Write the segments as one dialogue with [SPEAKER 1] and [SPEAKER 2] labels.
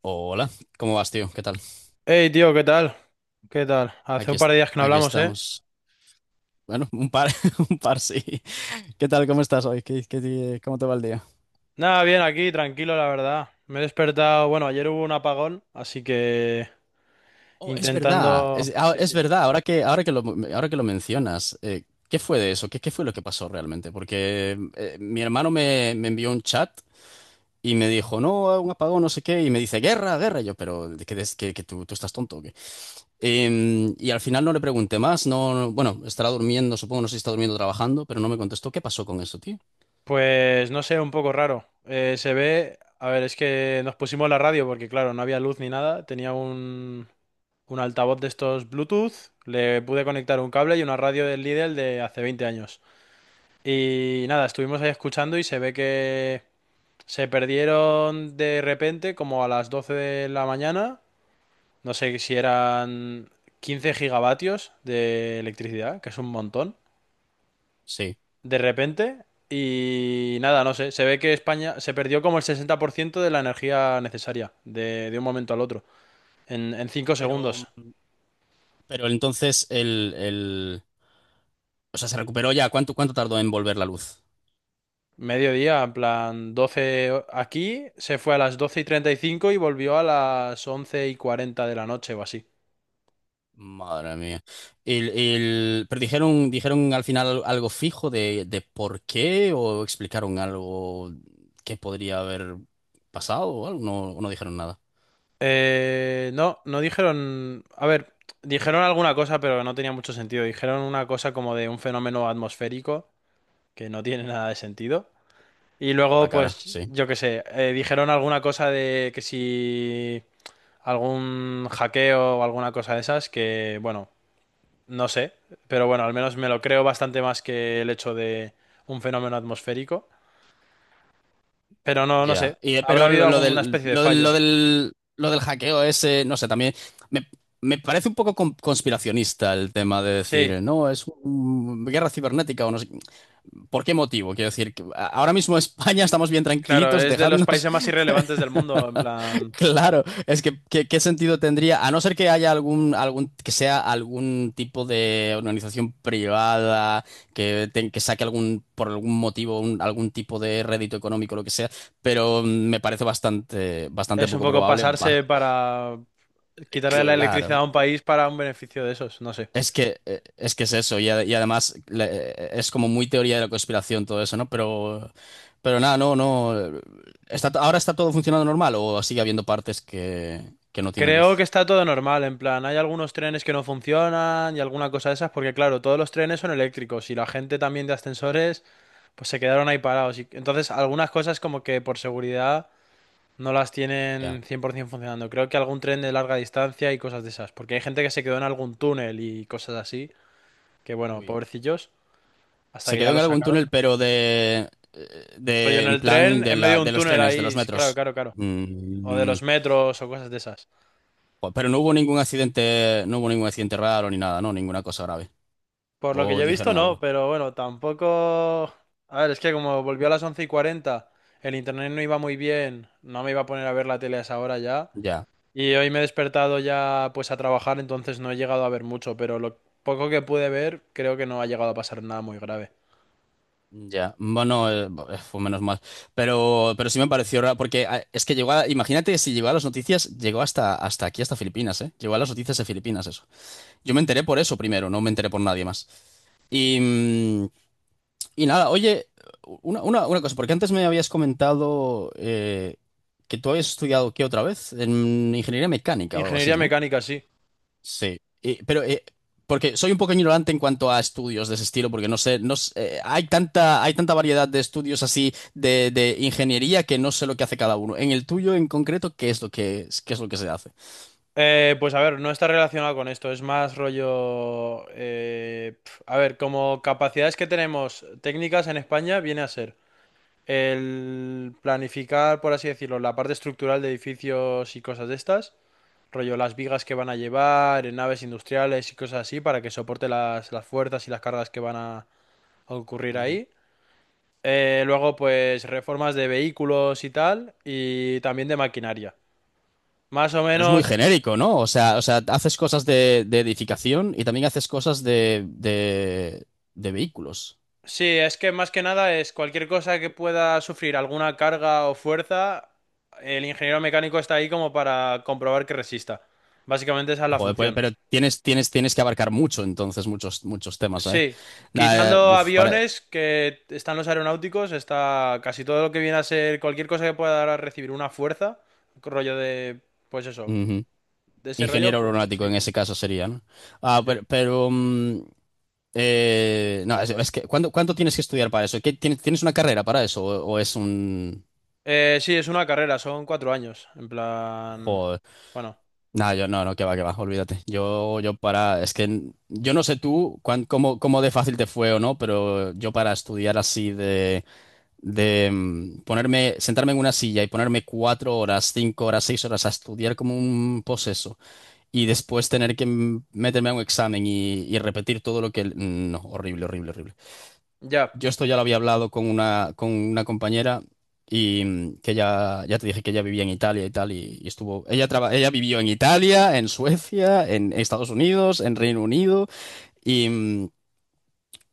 [SPEAKER 1] Hola, ¿cómo vas, tío? ¿Qué tal?
[SPEAKER 2] Hey, tío, ¿qué tal? ¿Qué tal? Hace
[SPEAKER 1] Aquí,
[SPEAKER 2] un par
[SPEAKER 1] est-
[SPEAKER 2] de días que no
[SPEAKER 1] Aquí
[SPEAKER 2] hablamos, ¿eh?
[SPEAKER 1] estamos. Bueno, un par, un par, sí. ¿Qué tal? ¿Cómo estás hoy? ¿Cómo te va el día?
[SPEAKER 2] Nada, bien, aquí, tranquilo, la verdad. Me he despertado, bueno, ayer hubo un apagón, así que
[SPEAKER 1] Oh, es verdad,
[SPEAKER 2] intentando...
[SPEAKER 1] es, ah,
[SPEAKER 2] Sí,
[SPEAKER 1] es
[SPEAKER 2] sí.
[SPEAKER 1] verdad, ahora que lo, Ahora que lo mencionas, ¿qué fue de eso? ¿Qué fue lo que pasó realmente? Porque mi hermano me envió un chat y me dijo, no, un apagón, no sé qué, y me dice, guerra, guerra. Y yo, pero ¿de ¿qué, des- que tú estás tonto o qué? Y al final no le pregunté más, no, no, bueno, estará durmiendo, supongo, no sé si está durmiendo o trabajando, pero no me contestó. ¿Qué pasó con eso, tío?
[SPEAKER 2] Pues no sé, un poco raro. Se ve... A ver, es que nos pusimos la radio porque, claro, no había luz ni nada. Tenía un altavoz de estos Bluetooth, le pude conectar un cable y una radio del Lidl de hace 20 años. Y nada, estuvimos ahí escuchando y se ve que... Se perdieron de repente, como a las 12 de la mañana. No sé si eran 15 gigavatios de electricidad, que es un montón.
[SPEAKER 1] Sí.
[SPEAKER 2] De repente. Y nada, no sé. Se ve que España se perdió como el 60% de la energía necesaria de un momento al otro. En 5
[SPEAKER 1] Pero,
[SPEAKER 2] segundos.
[SPEAKER 1] mm, pero entonces, o sea, se recuperó ya. ¿Cuánto tardó en volver la luz?
[SPEAKER 2] Mediodía, en plan 12, aquí. Se fue a las 12:35 y volvió a las 11:40 de la noche o así.
[SPEAKER 1] Madre mía. Pero dijeron al final algo fijo de por qué, o explicaron algo que podría haber pasado o algo. No, no dijeron nada,
[SPEAKER 2] No, no dijeron. A ver, dijeron alguna cosa, pero no tenía mucho sentido. Dijeron una cosa como de un fenómeno atmosférico, que no tiene nada de sentido. Y
[SPEAKER 1] por la
[SPEAKER 2] luego,
[SPEAKER 1] cara,
[SPEAKER 2] pues,
[SPEAKER 1] sí.
[SPEAKER 2] yo qué sé, dijeron alguna cosa de que si algún hackeo o alguna cosa de esas, que, bueno, no sé. Pero bueno, al menos me lo creo bastante más que el hecho de un fenómeno atmosférico. Pero no, no
[SPEAKER 1] Ya,
[SPEAKER 2] sé.
[SPEAKER 1] y,
[SPEAKER 2] Habrá
[SPEAKER 1] pero
[SPEAKER 2] habido alguna especie de fallo.
[SPEAKER 1] lo del hackeo ese, no sé, también me, me parece un poco conspiracionista el tema de
[SPEAKER 2] Sí,
[SPEAKER 1] decir, no, es guerra cibernética o no sé. ¿Por qué motivo? Quiero decir, que ahora mismo España estamos bien
[SPEAKER 2] claro,
[SPEAKER 1] tranquilitos,
[SPEAKER 2] es de los
[SPEAKER 1] dejadnos.
[SPEAKER 2] países más irrelevantes del mundo, en plan.
[SPEAKER 1] Claro, es que ¿qué sentido tendría? A no ser que haya que sea algún tipo de organización privada que, que saque algún, por algún motivo, algún tipo de rédito económico, lo que sea, pero me parece bastante, bastante
[SPEAKER 2] Es un
[SPEAKER 1] poco
[SPEAKER 2] poco
[SPEAKER 1] probable. ba-
[SPEAKER 2] pasarse para quitarle la electricidad
[SPEAKER 1] claro,
[SPEAKER 2] a un país para un beneficio de esos, no sé.
[SPEAKER 1] es que, es que es eso, y, y además es como muy teoría de la conspiración todo eso, ¿no? Pero nada, no, no. Está, ¿ahora está todo funcionando normal o sigue habiendo partes que no tiene
[SPEAKER 2] Creo que
[SPEAKER 1] luz?
[SPEAKER 2] está todo normal, en plan, hay algunos trenes que no funcionan y alguna cosa de esas, porque claro, todos los trenes son eléctricos y la gente también de ascensores, pues se quedaron ahí parados. Y entonces, algunas cosas como que por seguridad no las
[SPEAKER 1] Ya.
[SPEAKER 2] tienen 100% funcionando. Creo que algún tren de larga distancia y cosas de esas, porque hay gente que se quedó en algún túnel y cosas así, que bueno,
[SPEAKER 1] Uy.
[SPEAKER 2] pobrecillos, hasta
[SPEAKER 1] Se
[SPEAKER 2] que ya
[SPEAKER 1] quedó en
[SPEAKER 2] lo
[SPEAKER 1] algún túnel,
[SPEAKER 2] sacaron.
[SPEAKER 1] pero
[SPEAKER 2] Rollo
[SPEAKER 1] de
[SPEAKER 2] en
[SPEAKER 1] en
[SPEAKER 2] el
[SPEAKER 1] plan
[SPEAKER 2] tren,
[SPEAKER 1] de
[SPEAKER 2] en medio
[SPEAKER 1] la,
[SPEAKER 2] de un
[SPEAKER 1] de los
[SPEAKER 2] túnel
[SPEAKER 1] trenes, de los
[SPEAKER 2] ahí, sí, claro,
[SPEAKER 1] metros.
[SPEAKER 2] claro, claro. O de
[SPEAKER 1] Mm,
[SPEAKER 2] los metros o cosas de esas.
[SPEAKER 1] jo, pero no hubo ningún accidente, no hubo ningún accidente raro ni nada, ¿no? Ninguna cosa grave.
[SPEAKER 2] Por lo que
[SPEAKER 1] O
[SPEAKER 2] yo he visto,
[SPEAKER 1] dijeron
[SPEAKER 2] no,
[SPEAKER 1] algo.
[SPEAKER 2] pero bueno, tampoco. A ver, es que como volvió a las 11:40, el internet no iba muy bien, no me iba a poner a ver la tele a esa hora ya.
[SPEAKER 1] Ya,
[SPEAKER 2] Y hoy me he despertado ya pues a trabajar, entonces no he llegado a ver mucho, pero lo poco que pude ver, creo que no ha llegado a pasar nada muy grave.
[SPEAKER 1] ya. Bueno, fue menos mal. Pero sí me pareció raro, porque es que llegó a, imagínate, si llegó a las noticias, llegó hasta, hasta aquí, hasta Filipinas, ¿eh? Llegó a las noticias de Filipinas, eso. Yo me enteré por eso primero, no me enteré por nadie más. Y, y nada, oye, una cosa, porque antes me habías comentado que tú habías estudiado, ¿qué otra vez? En ingeniería mecánica o algo
[SPEAKER 2] Ingeniería
[SPEAKER 1] así, ¿no?
[SPEAKER 2] mecánica, sí.
[SPEAKER 1] Sí. Pero porque soy un poco ignorante en cuanto a estudios de ese estilo, porque no sé, no sé, hay tanta variedad de estudios así de ingeniería que no sé lo que hace cada uno. En el tuyo en concreto, ¿qué es lo que se hace?
[SPEAKER 2] Pues a ver, no está relacionado con esto, es más rollo... a ver, como capacidades que tenemos técnicas en España, viene a ser el planificar, por así decirlo, la parte estructural de edificios y cosas de estas, rollo las vigas que van a llevar en naves industriales y cosas así para que soporte las fuerzas y las cargas que van a ocurrir
[SPEAKER 1] Ujú.
[SPEAKER 2] ahí. Luego, pues reformas de vehículos y tal, y también de maquinaria. Más o
[SPEAKER 1] Pero es muy
[SPEAKER 2] menos,
[SPEAKER 1] genérico, ¿no? O sea, haces cosas de edificación y también haces cosas de vehículos.
[SPEAKER 2] sí, es que más que nada es cualquier cosa que pueda sufrir alguna carga o fuerza, el ingeniero mecánico está ahí como para comprobar que resista. Básicamente esa es la
[SPEAKER 1] Joder, pues,
[SPEAKER 2] función.
[SPEAKER 1] pero tienes que abarcar mucho, entonces, muchos, muchos temas ahí.
[SPEAKER 2] Sí,
[SPEAKER 1] Nah,
[SPEAKER 2] quitando
[SPEAKER 1] uf, para.
[SPEAKER 2] aviones que están los aeronáuticos, está casi todo lo que viene a ser cualquier cosa que pueda dar a recibir una fuerza, rollo de, pues eso,
[SPEAKER 1] Ujú.
[SPEAKER 2] de ese rollo,
[SPEAKER 1] Ingeniero
[SPEAKER 2] pues
[SPEAKER 1] aeronáutico
[SPEAKER 2] sí,
[SPEAKER 1] en ese caso sería, ¿no? Ah,
[SPEAKER 2] sí.
[SPEAKER 1] pero, no, es que ¿cuánto tienes que estudiar para eso? ¿Qué, tienes una carrera para eso? O es un...
[SPEAKER 2] Sí, es una carrera, son 4 años, en plan,
[SPEAKER 1] Joder.
[SPEAKER 2] bueno,
[SPEAKER 1] No, yo no, no, que va, olvídate. Yo para, es que yo no sé tú cómo, cómo de fácil te fue o no, pero yo para estudiar así de ponerme, sentarme en una silla y ponerme cuatro horas, cinco horas, seis horas a estudiar como un poseso. Y después tener que meterme a un examen y repetir todo lo que... No, horrible, horrible, horrible.
[SPEAKER 2] ya.
[SPEAKER 1] Yo esto ya lo había hablado con una compañera y que ya, ya te dije que ella vivía en Italia y tal, y estuvo... Ella, ella vivió en Italia, en Suecia, en Estados Unidos, en Reino Unido, y,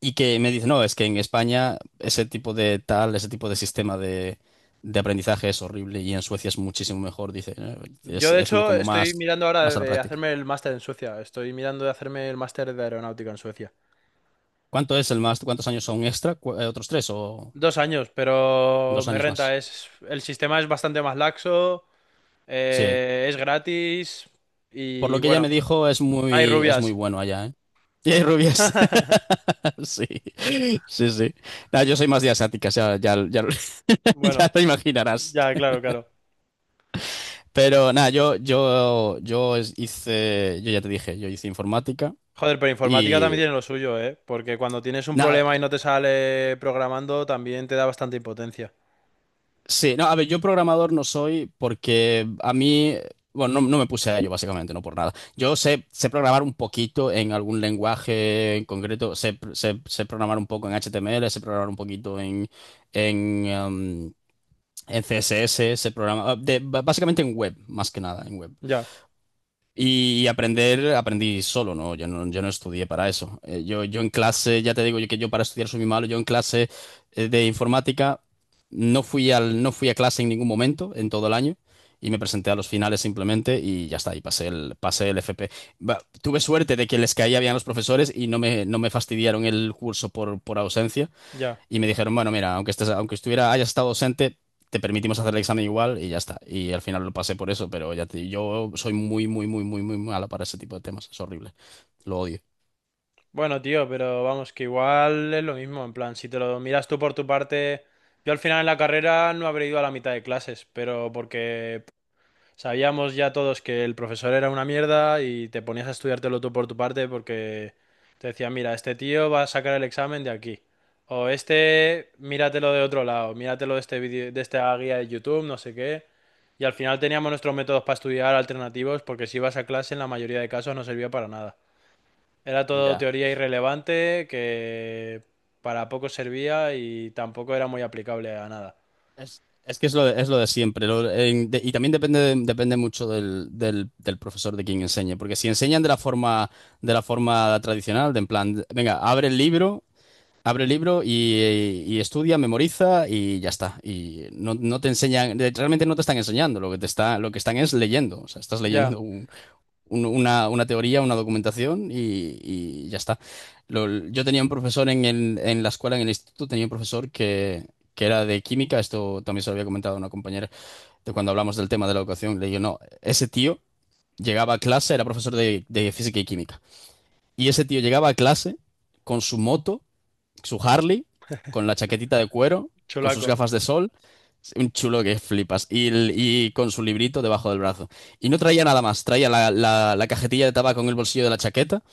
[SPEAKER 1] y que me dice, no, es que en España ese tipo de tal, ese tipo de sistema de aprendizaje es horrible y en Suecia es muchísimo mejor, dice,
[SPEAKER 2] Yo de
[SPEAKER 1] es
[SPEAKER 2] hecho
[SPEAKER 1] como
[SPEAKER 2] estoy
[SPEAKER 1] más,
[SPEAKER 2] mirando ahora
[SPEAKER 1] más a la
[SPEAKER 2] de
[SPEAKER 1] práctica.
[SPEAKER 2] hacerme el máster en Suecia, estoy mirando de hacerme el máster de aeronáutica en Suecia.
[SPEAKER 1] ¿Cuánto es el más? ¿Cuántos años son extra? ¿Otros tres o
[SPEAKER 2] 2 años, pero
[SPEAKER 1] dos
[SPEAKER 2] me
[SPEAKER 1] años
[SPEAKER 2] renta,
[SPEAKER 1] más?
[SPEAKER 2] es, el sistema es bastante más laxo.
[SPEAKER 1] Sí.
[SPEAKER 2] Es gratis
[SPEAKER 1] Por
[SPEAKER 2] y
[SPEAKER 1] lo que ella
[SPEAKER 2] bueno,
[SPEAKER 1] me dijo,
[SPEAKER 2] hay
[SPEAKER 1] es muy
[SPEAKER 2] rubias.
[SPEAKER 1] bueno allá, ¿eh? Y hay rubias. Sí, sí, sí. Nada, yo soy más de asiáticas, ya, ya, ya, ya
[SPEAKER 2] Bueno,
[SPEAKER 1] te imaginarás.
[SPEAKER 2] ya, claro, claro.
[SPEAKER 1] Pero nada, hice, yo ya te dije, yo hice informática
[SPEAKER 2] Joder, pero informática
[SPEAKER 1] y
[SPEAKER 2] también tiene lo suyo, ¿eh? Porque cuando tienes un
[SPEAKER 1] nada.
[SPEAKER 2] problema y no te sale programando, también te da bastante impotencia.
[SPEAKER 1] Sí, no, a ver, yo programador no soy porque a mí, bueno, no, no me puse a ello básicamente, no por nada. Yo sé, sé programar un poquito en algún lenguaje en concreto, sé programar un poco en HTML, sé programar un poquito en, en, em, en CSS, sé programar, básicamente en web, más que nada, en web.
[SPEAKER 2] Ya,
[SPEAKER 1] Y aprender, aprendí solo, ¿no? Yo no estudié para eso. Yo en clase, ya te digo yo que yo para estudiar soy muy malo, yo en clase de informática no fui a clase en ningún momento en todo el año y me presenté a los finales simplemente y ya está, y pasé el FP. Va, tuve suerte de que les caía bien a los profesores y no me fastidiaron el curso por ausencia,
[SPEAKER 2] ya.
[SPEAKER 1] y me dijeron, bueno, mira, aunque estuviera, hayas estado ausente, te permitimos hacer el examen igual y ya está. Y al final lo pasé por eso, pero ya te, yo soy muy, muy, muy, muy, muy mala para ese tipo de temas. Es horrible. Lo odio.
[SPEAKER 2] Bueno, tío, pero vamos, que igual es lo mismo, en plan, si te lo miras tú por tu parte, yo al final en la carrera no habré ido a la mitad de clases, pero porque sabíamos ya todos que el profesor era una mierda y te ponías a estudiártelo tú por tu parte porque te decía mira, este tío va a sacar el examen de aquí. O este, míratelo de otro lado, míratelo de este vídeo, de esta guía de YouTube, no sé qué. Y al final teníamos nuestros métodos para estudiar alternativos porque si ibas a clase en la mayoría de casos no servía para nada. Era todo
[SPEAKER 1] Ya.
[SPEAKER 2] teoría irrelevante que para poco servía y tampoco era muy aplicable a nada.
[SPEAKER 1] Es que es lo de siempre. Y también depende, depende mucho del, del, del profesor de quien enseñe. Porque si enseñan de la forma tradicional, de en plan, venga, abre el libro. Abre el libro y estudia, memoriza y ya está. Y no, no te enseñan, realmente no te están enseñando, lo que te está, lo que están es leyendo. O sea, estás
[SPEAKER 2] Ya,
[SPEAKER 1] leyendo una teoría, una documentación y ya está. Yo tenía un profesor en, en la escuela, en el instituto, tenía un profesor que era de química, esto también se lo había comentado a una compañera de cuando hablamos del tema de la educación. Le digo, no, ese tío llegaba a clase, era profesor de física y química. Y ese tío llegaba a clase con su moto, su Harley, con la chaquetita de cuero, con sus
[SPEAKER 2] chulaco,
[SPEAKER 1] gafas de sol. Un chulo que flipas. Y, y con su librito debajo del brazo. Y no traía nada más. Traía la cajetilla de tabaco en el bolsillo de la chaqueta.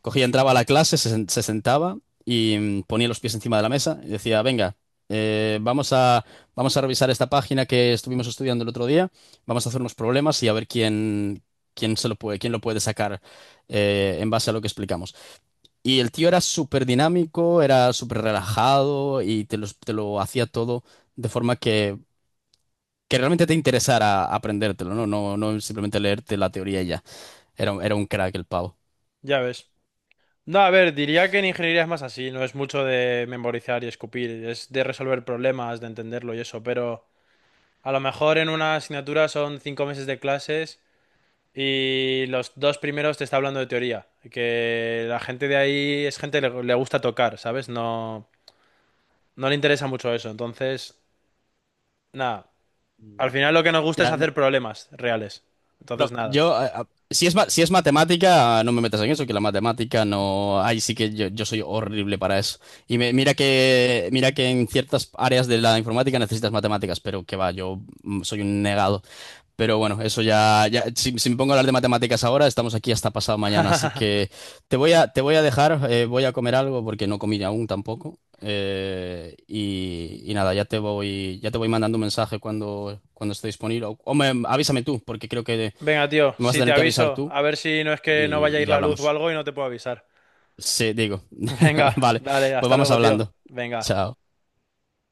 [SPEAKER 1] Cogía, entraba a la clase, se sentaba y ponía los pies encima de la mesa y decía, venga, eh, vamos a, vamos a revisar esta página que estuvimos estudiando el otro día. Vamos a hacer unos problemas y a ver quién, quién lo puede sacar en base a lo que explicamos. Y el tío era súper dinámico, era súper relajado y te lo hacía todo de forma que realmente te interesara aprendértelo, ¿no? No, no simplemente leerte la teoría y ya. Era un crack el pavo.
[SPEAKER 2] ya ves. No, a ver, diría que en ingeniería es más así, no es mucho de memorizar y escupir, es de resolver problemas, de entenderlo y eso, pero a lo mejor en una asignatura son 5 meses de clases y los dos primeros te está hablando de teoría, que la gente de ahí es gente que le gusta tocar, ¿sabes? No, no le interesa mucho eso, entonces, nada, al
[SPEAKER 1] Mm.
[SPEAKER 2] final lo que nos gusta es
[SPEAKER 1] Ya, no,
[SPEAKER 2] hacer problemas reales, entonces
[SPEAKER 1] pero
[SPEAKER 2] nada.
[SPEAKER 1] yo, si es, si es matemática, no me metas en eso, que la matemática no. Ahí sí que yo soy horrible para eso. Y mira que en ciertas áreas de la informática necesitas matemáticas, pero que va, yo soy un negado. Pero bueno, eso ya, ya si, si me pongo a hablar de matemáticas ahora, estamos aquí hasta pasado mañana, así que te voy a dejar, voy a comer algo porque no comí aún tampoco. Y, y nada, ya te voy mandando un mensaje cuando, cuando esté disponible. Avísame tú, porque creo que
[SPEAKER 2] Venga, tío,
[SPEAKER 1] me vas a
[SPEAKER 2] si te
[SPEAKER 1] tener que avisar
[SPEAKER 2] aviso,
[SPEAKER 1] tú
[SPEAKER 2] a ver si no es que no vaya a
[SPEAKER 1] y
[SPEAKER 2] ir
[SPEAKER 1] ya
[SPEAKER 2] la luz o
[SPEAKER 1] hablamos.
[SPEAKER 2] algo y no te puedo avisar.
[SPEAKER 1] Sí, digo.
[SPEAKER 2] Venga,
[SPEAKER 1] Vale,
[SPEAKER 2] dale,
[SPEAKER 1] pues
[SPEAKER 2] hasta
[SPEAKER 1] vamos
[SPEAKER 2] luego, tío.
[SPEAKER 1] hablando.
[SPEAKER 2] Venga.
[SPEAKER 1] Chao.